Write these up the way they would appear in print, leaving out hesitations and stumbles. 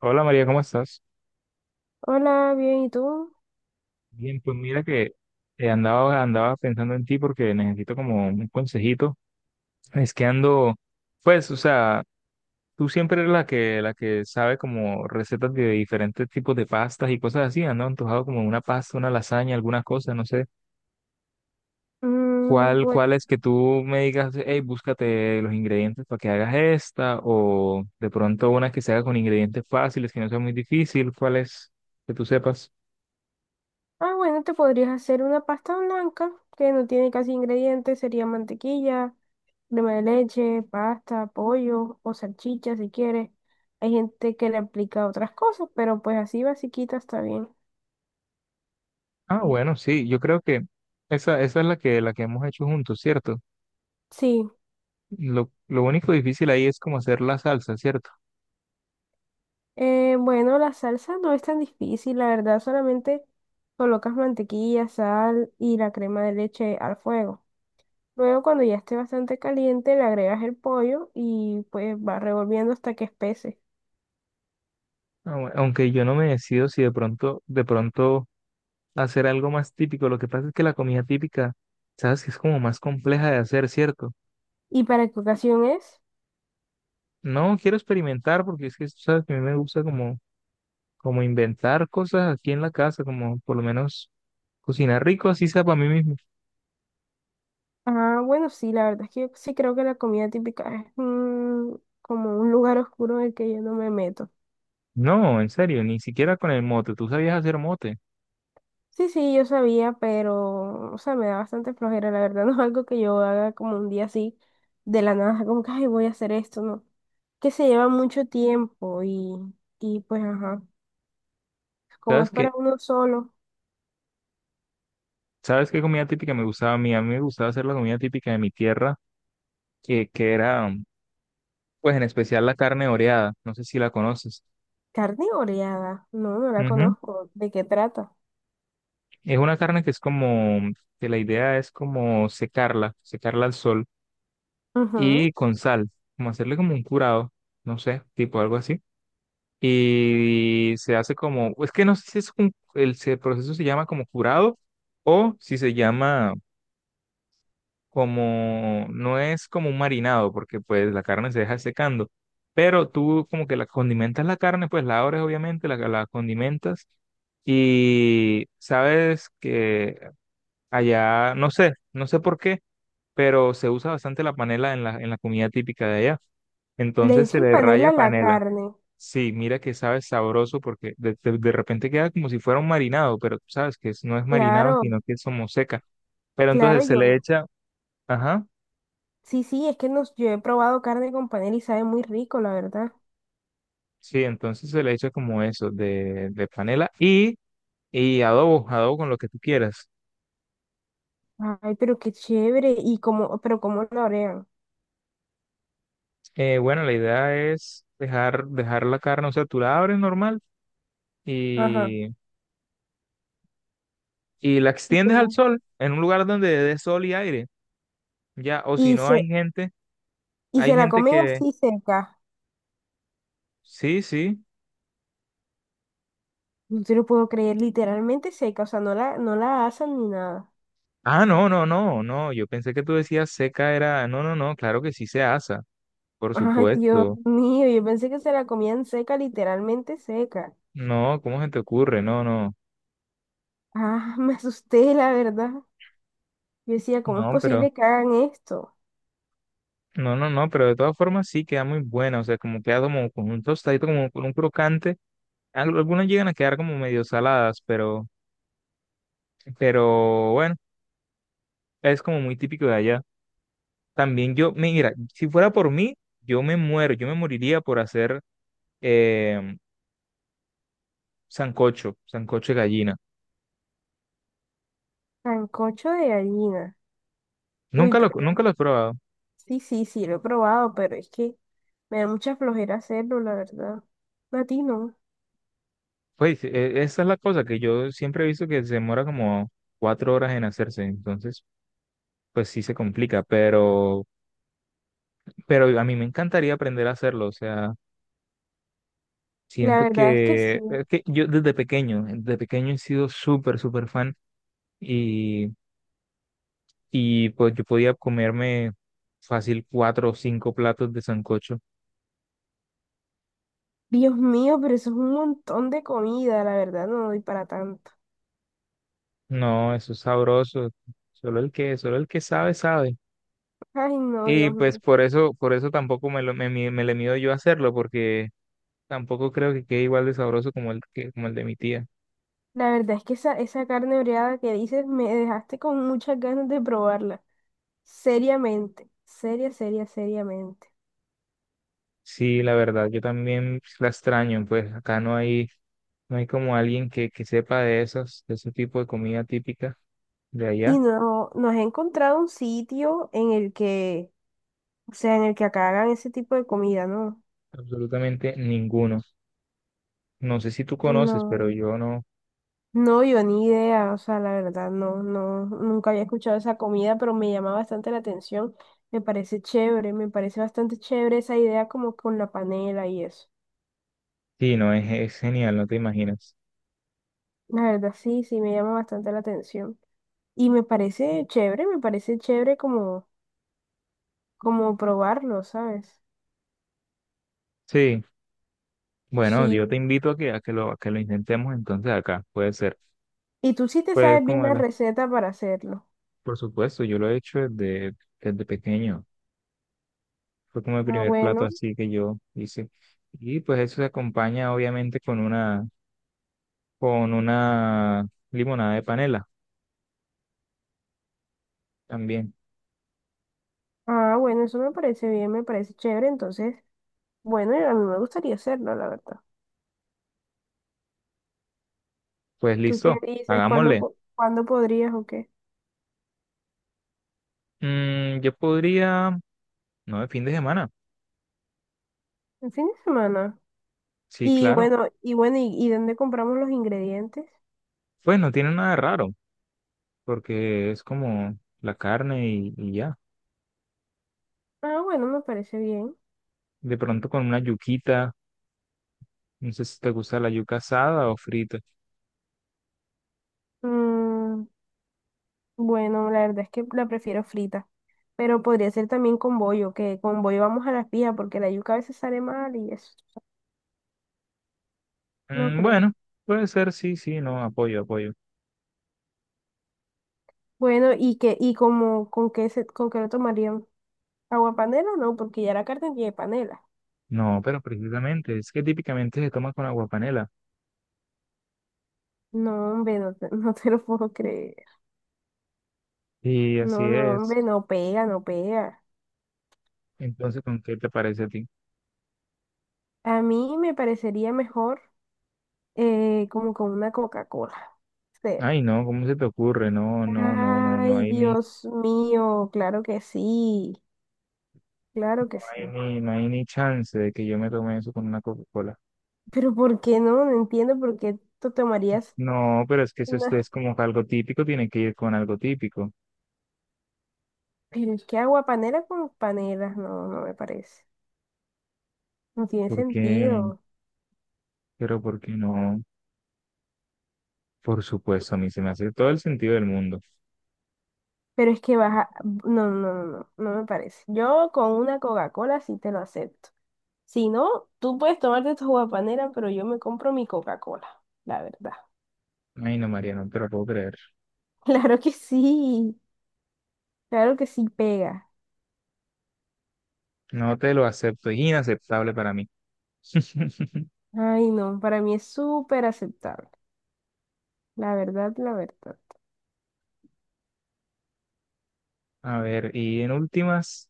Hola María, ¿cómo estás? Hola, bien, ¿y tú? Bien, pues mira que andaba pensando en ti porque necesito como un consejito. Es que ando, pues, o sea, tú siempre eres la que sabe como recetas de diferentes tipos de pastas y cosas así. Ando antojado como una pasta, una lasaña, ¿alguna cosa? No sé. Mm, ¿Cuál, bueno. cuál es? Que tú me digas, hey, búscate los ingredientes para que hagas esta. O de pronto una que se haga con ingredientes fáciles, que no sea muy difícil. ¿Cuál es que tú sepas? Ah, bueno, te podrías hacer una pasta blanca que no tiene casi ingredientes, sería mantequilla, crema de leche, pasta, pollo o salchicha si quieres. Hay gente que le aplica otras cosas, pero pues así basiquita está bien. Ah, bueno, sí, yo creo que esa es la que hemos hecho juntos, ¿cierto? Sí, Lo único difícil ahí es como hacer la salsa, ¿cierto? Bueno, la salsa no es tan difícil, la verdad, solamente colocas mantequilla, sal y la crema de leche al fuego. Luego, cuando ya esté bastante caliente, le agregas el pollo y pues va revolviendo hasta que espese. Aunque yo no me decido si de pronto hacer algo más típico. Lo que pasa es que la comida típica, sabes que es como más compleja de hacer, ¿cierto? ¿Y para qué ocasión es? No quiero experimentar porque es que, sabes, que a mí me gusta como, como inventar cosas aquí en la casa, como por lo menos cocinar rico, así sea para mí mismo. Ah, bueno, sí, la verdad es que yo sí creo que la comida típica es como un lugar oscuro en el que yo no me meto. No, en serio, ni siquiera con el mote. Tú sabías hacer mote. Sí, sí, yo sabía, pero, o sea, me da bastante flojera, la verdad, no es algo que yo haga como un día así, de la nada, como que, ay, voy a hacer esto, ¿no? Que se lleva mucho tiempo y pues, ajá, como ¿Sabes es que para uno solo. ¿Sabes qué comida típica me gustaba a mí? A mí me gustaba hacer la comida típica de mi tierra, que era, pues en especial la carne oreada, no sé si la conoces. Carne oreada. No, no la Ujú. conozco. ¿De qué trata? Es una carne que es como, que la idea es como secarla, secarla al sol Ujú. y con sal, como hacerle como un curado, no sé, tipo algo así. Y se hace como, es que no sé si es un, el, el proceso se llama como curado o si se llama como, no es como un marinado, porque pues la carne se deja secando, pero tú como que la condimentas la carne, pues la abres obviamente, la condimentas y sabes que allá, no sé por qué, pero se usa bastante la panela en la comida típica de allá. Le Entonces se echan le panela raya a la panela. carne. Sí, mira que sabe sabroso porque de, de repente queda como si fuera un marinado, pero tú sabes que no es marinado, Claro, sino que es como seca. Pero claro, entonces se le yo. echa, ajá. Sí, sí, es que nos, yo he probado carne con panela y sabe muy rico, la verdad. Sí, entonces se le echa como eso, de panela y adobo, adobo con lo que tú quieras. Ay, pero qué chévere. Y como, pero cómo la orean. Bueno, la idea es dejar, dejar la carne, o sea, tú la abres normal Ajá. y, y la Y se, extiendes al sol, en un lugar donde dé sol y aire, ya, o si y no hay se, gente, y hay se la gente comen que, así seca. sí, sí. No te lo puedo creer, literalmente seca. O sea, no la asan ni nada. Ah, no, no, no, no, yo pensé que tú decías seca, era, no, no, no, claro que sí se asa, por Ay, Dios supuesto. mío, yo pensé que se la comían seca, literalmente seca. No, ¿cómo se te ocurre? No, no, Ah, me asusté, la verdad. Yo decía, ¿cómo es no, pero... posible que hagan esto? No, no, no, pero de todas formas sí queda muy buena, o sea, como queda como con un tostadito, como con un crocante. Algunas llegan a quedar como medio saladas, pero bueno, es como muy típico de allá. También yo, mira, si fuera por mí, yo me muero, yo me moriría por hacer eh, sancocho, sancocho de gallina. Sancocho de gallina. Uy, Nunca lo, pero nunca lo he probado. sí, sí, sí, lo he probado, pero es que me da mucha flojera hacerlo, la verdad. A ti no. Pues esa es la cosa que yo siempre he visto que se demora como cuatro horas en hacerse, entonces pues sí se complica, pero a mí me encantaría aprender a hacerlo, o sea. La Siento verdad es que que, sí. es que yo desde pequeño he sido súper, súper fan y, y pues yo podía comerme fácil cuatro o cinco platos de sancocho. Dios mío, pero eso es un montón de comida, la verdad, no doy para tanto. No, eso es sabroso. Solo el que sabe, sabe. Ay, no, Y Dios pues mío. Por eso tampoco me lo, me, me le mido yo a hacerlo, porque tampoco creo que quede igual de sabroso como el que, como el de mi tía. La verdad es que esa carne oreada que dices me dejaste con muchas ganas de probarla. Seriamente, seriamente. Sí, la verdad, yo también la extraño, pues acá no hay, no hay como alguien que sepa de esos, de ese tipo de comida típica de Y allá, no, no has encontrado un sitio en el que, o sea, en el que acá hagan ese tipo de comida, ¿no? absolutamente ninguno. No sé si tú conoces, pero No, yo no. no, yo ni idea, o sea, la verdad, no, no, nunca había escuchado esa comida, pero me llama bastante la atención. Me parece chévere, me parece bastante chévere esa idea como con la panela y eso. Sí, no, es genial, no te imaginas. La verdad, sí, sí, me llama bastante la atención. Y me parece chévere como, como probarlo, ¿sabes? Sí, bueno, yo Sí. te invito a que lo intentemos entonces acá, puede ser. Y tú sí te Pues sabes bien como de la las, receta para hacerlo. por supuesto, yo lo he hecho desde, desde pequeño. Fue como el Ah, primer plato bueno. así que yo hice. Y pues eso se acompaña obviamente con una limonada de panela también. Ah, bueno, eso me parece bien, me parece chévere, entonces. Bueno, y a mí me gustaría hacerlo, la verdad. Pues ¿Tú qué listo, dices? ¿Cuándo, hagámosle. Cuándo podrías o qué? Mm, yo podría, no, de fin de semana. El fin de semana. Sí, Y claro. bueno, y bueno, y dónde compramos los ingredientes? Pues no tiene nada de raro, porque es como la carne y ya. Ah, bueno, me parece bien. De pronto con una yuquita, no sé si te gusta la yuca asada o frita. Mm, bueno, la verdad es que la prefiero frita. Pero podría ser también con bollo, que con bollo vamos a las pijas, porque la yuca a veces sale mal y eso. No Mm, creo. bueno, puede ser, sí, sí, no, apoyo, apoyo. Bueno, ¿y qué, y como, con qué se, con qué lo tomarían? ¿Agua panela? No, porque ya la carne tiene panela. No, pero precisamente, es que típicamente se toma con agua panela. No, hombre, no te, no te lo puedo creer. Y así No, no, es. hombre, no pega, no pega. Entonces, ¿con qué te parece a ti? A mí me parecería mejor como con una Coca-Cola. Cero. Ay, no, ¿cómo se te ocurre? No, no, no, no, no Ay, hay ni, no Dios mío, claro que sí, claro que hay sí. ni, no hay ni chance de que yo me tome eso con una Coca-Cola. Pero ¿por qué no? No entiendo por qué tú tomarías No, pero es que eso una... es como que algo típico, tiene que ir con algo típico. Pero es que agua panela con panelas, no, no me parece. No tiene ¿Por qué? sentido. Pero ¿por qué no? Por supuesto, a mí se me hace todo el sentido del mundo. Pero es que baja... No, no, no, no, no me parece. Yo con una Coca-Cola sí te lo acepto. Si no, tú puedes tomarte tu guapanera, pero yo me compro mi Coca-Cola, la verdad. Ay, no, María, no te lo puedo creer. Claro que sí, claro que sí pega. No te lo acepto, es inaceptable para mí. Ay, no, para mí es súper aceptable. La verdad, la verdad. A ver, y en últimas,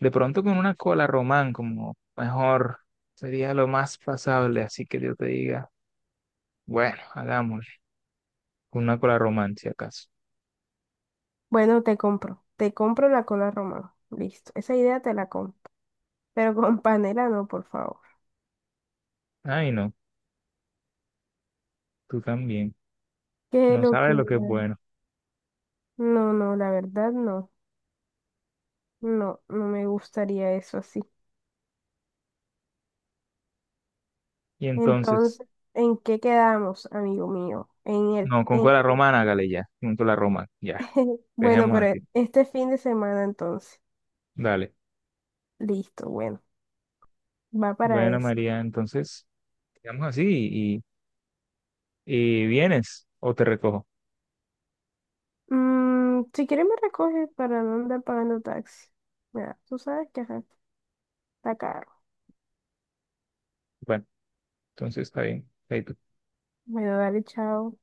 de pronto con una cola román, como mejor, sería lo más pasable, así que yo te diga, bueno, hagámoslo. Con una cola romántica acaso. Bueno, te compro la cola romana. Listo, esa idea te la compro. Pero con panela no, por favor. Ay, no, tú también. Qué No sabes lo que es locura. bueno. No, no, la verdad no. No, no me gustaría eso así. Y entonces, Entonces, ¿en qué quedamos, amigo mío? En el, no, con en cola romana, hágale ya, con cola romana, ya, bueno, dejemos pero así. Este fin de semana entonces. Dale. Listo, bueno, va para Bueno, eso. María, entonces, quedamos así y vienes o te recojo. Mm, si quieres me recoges para no andar pagando taxi. Mira, tú sabes que ajá, está caro. Bueno, entonces está bien. Ahí Bueno, dale, chao.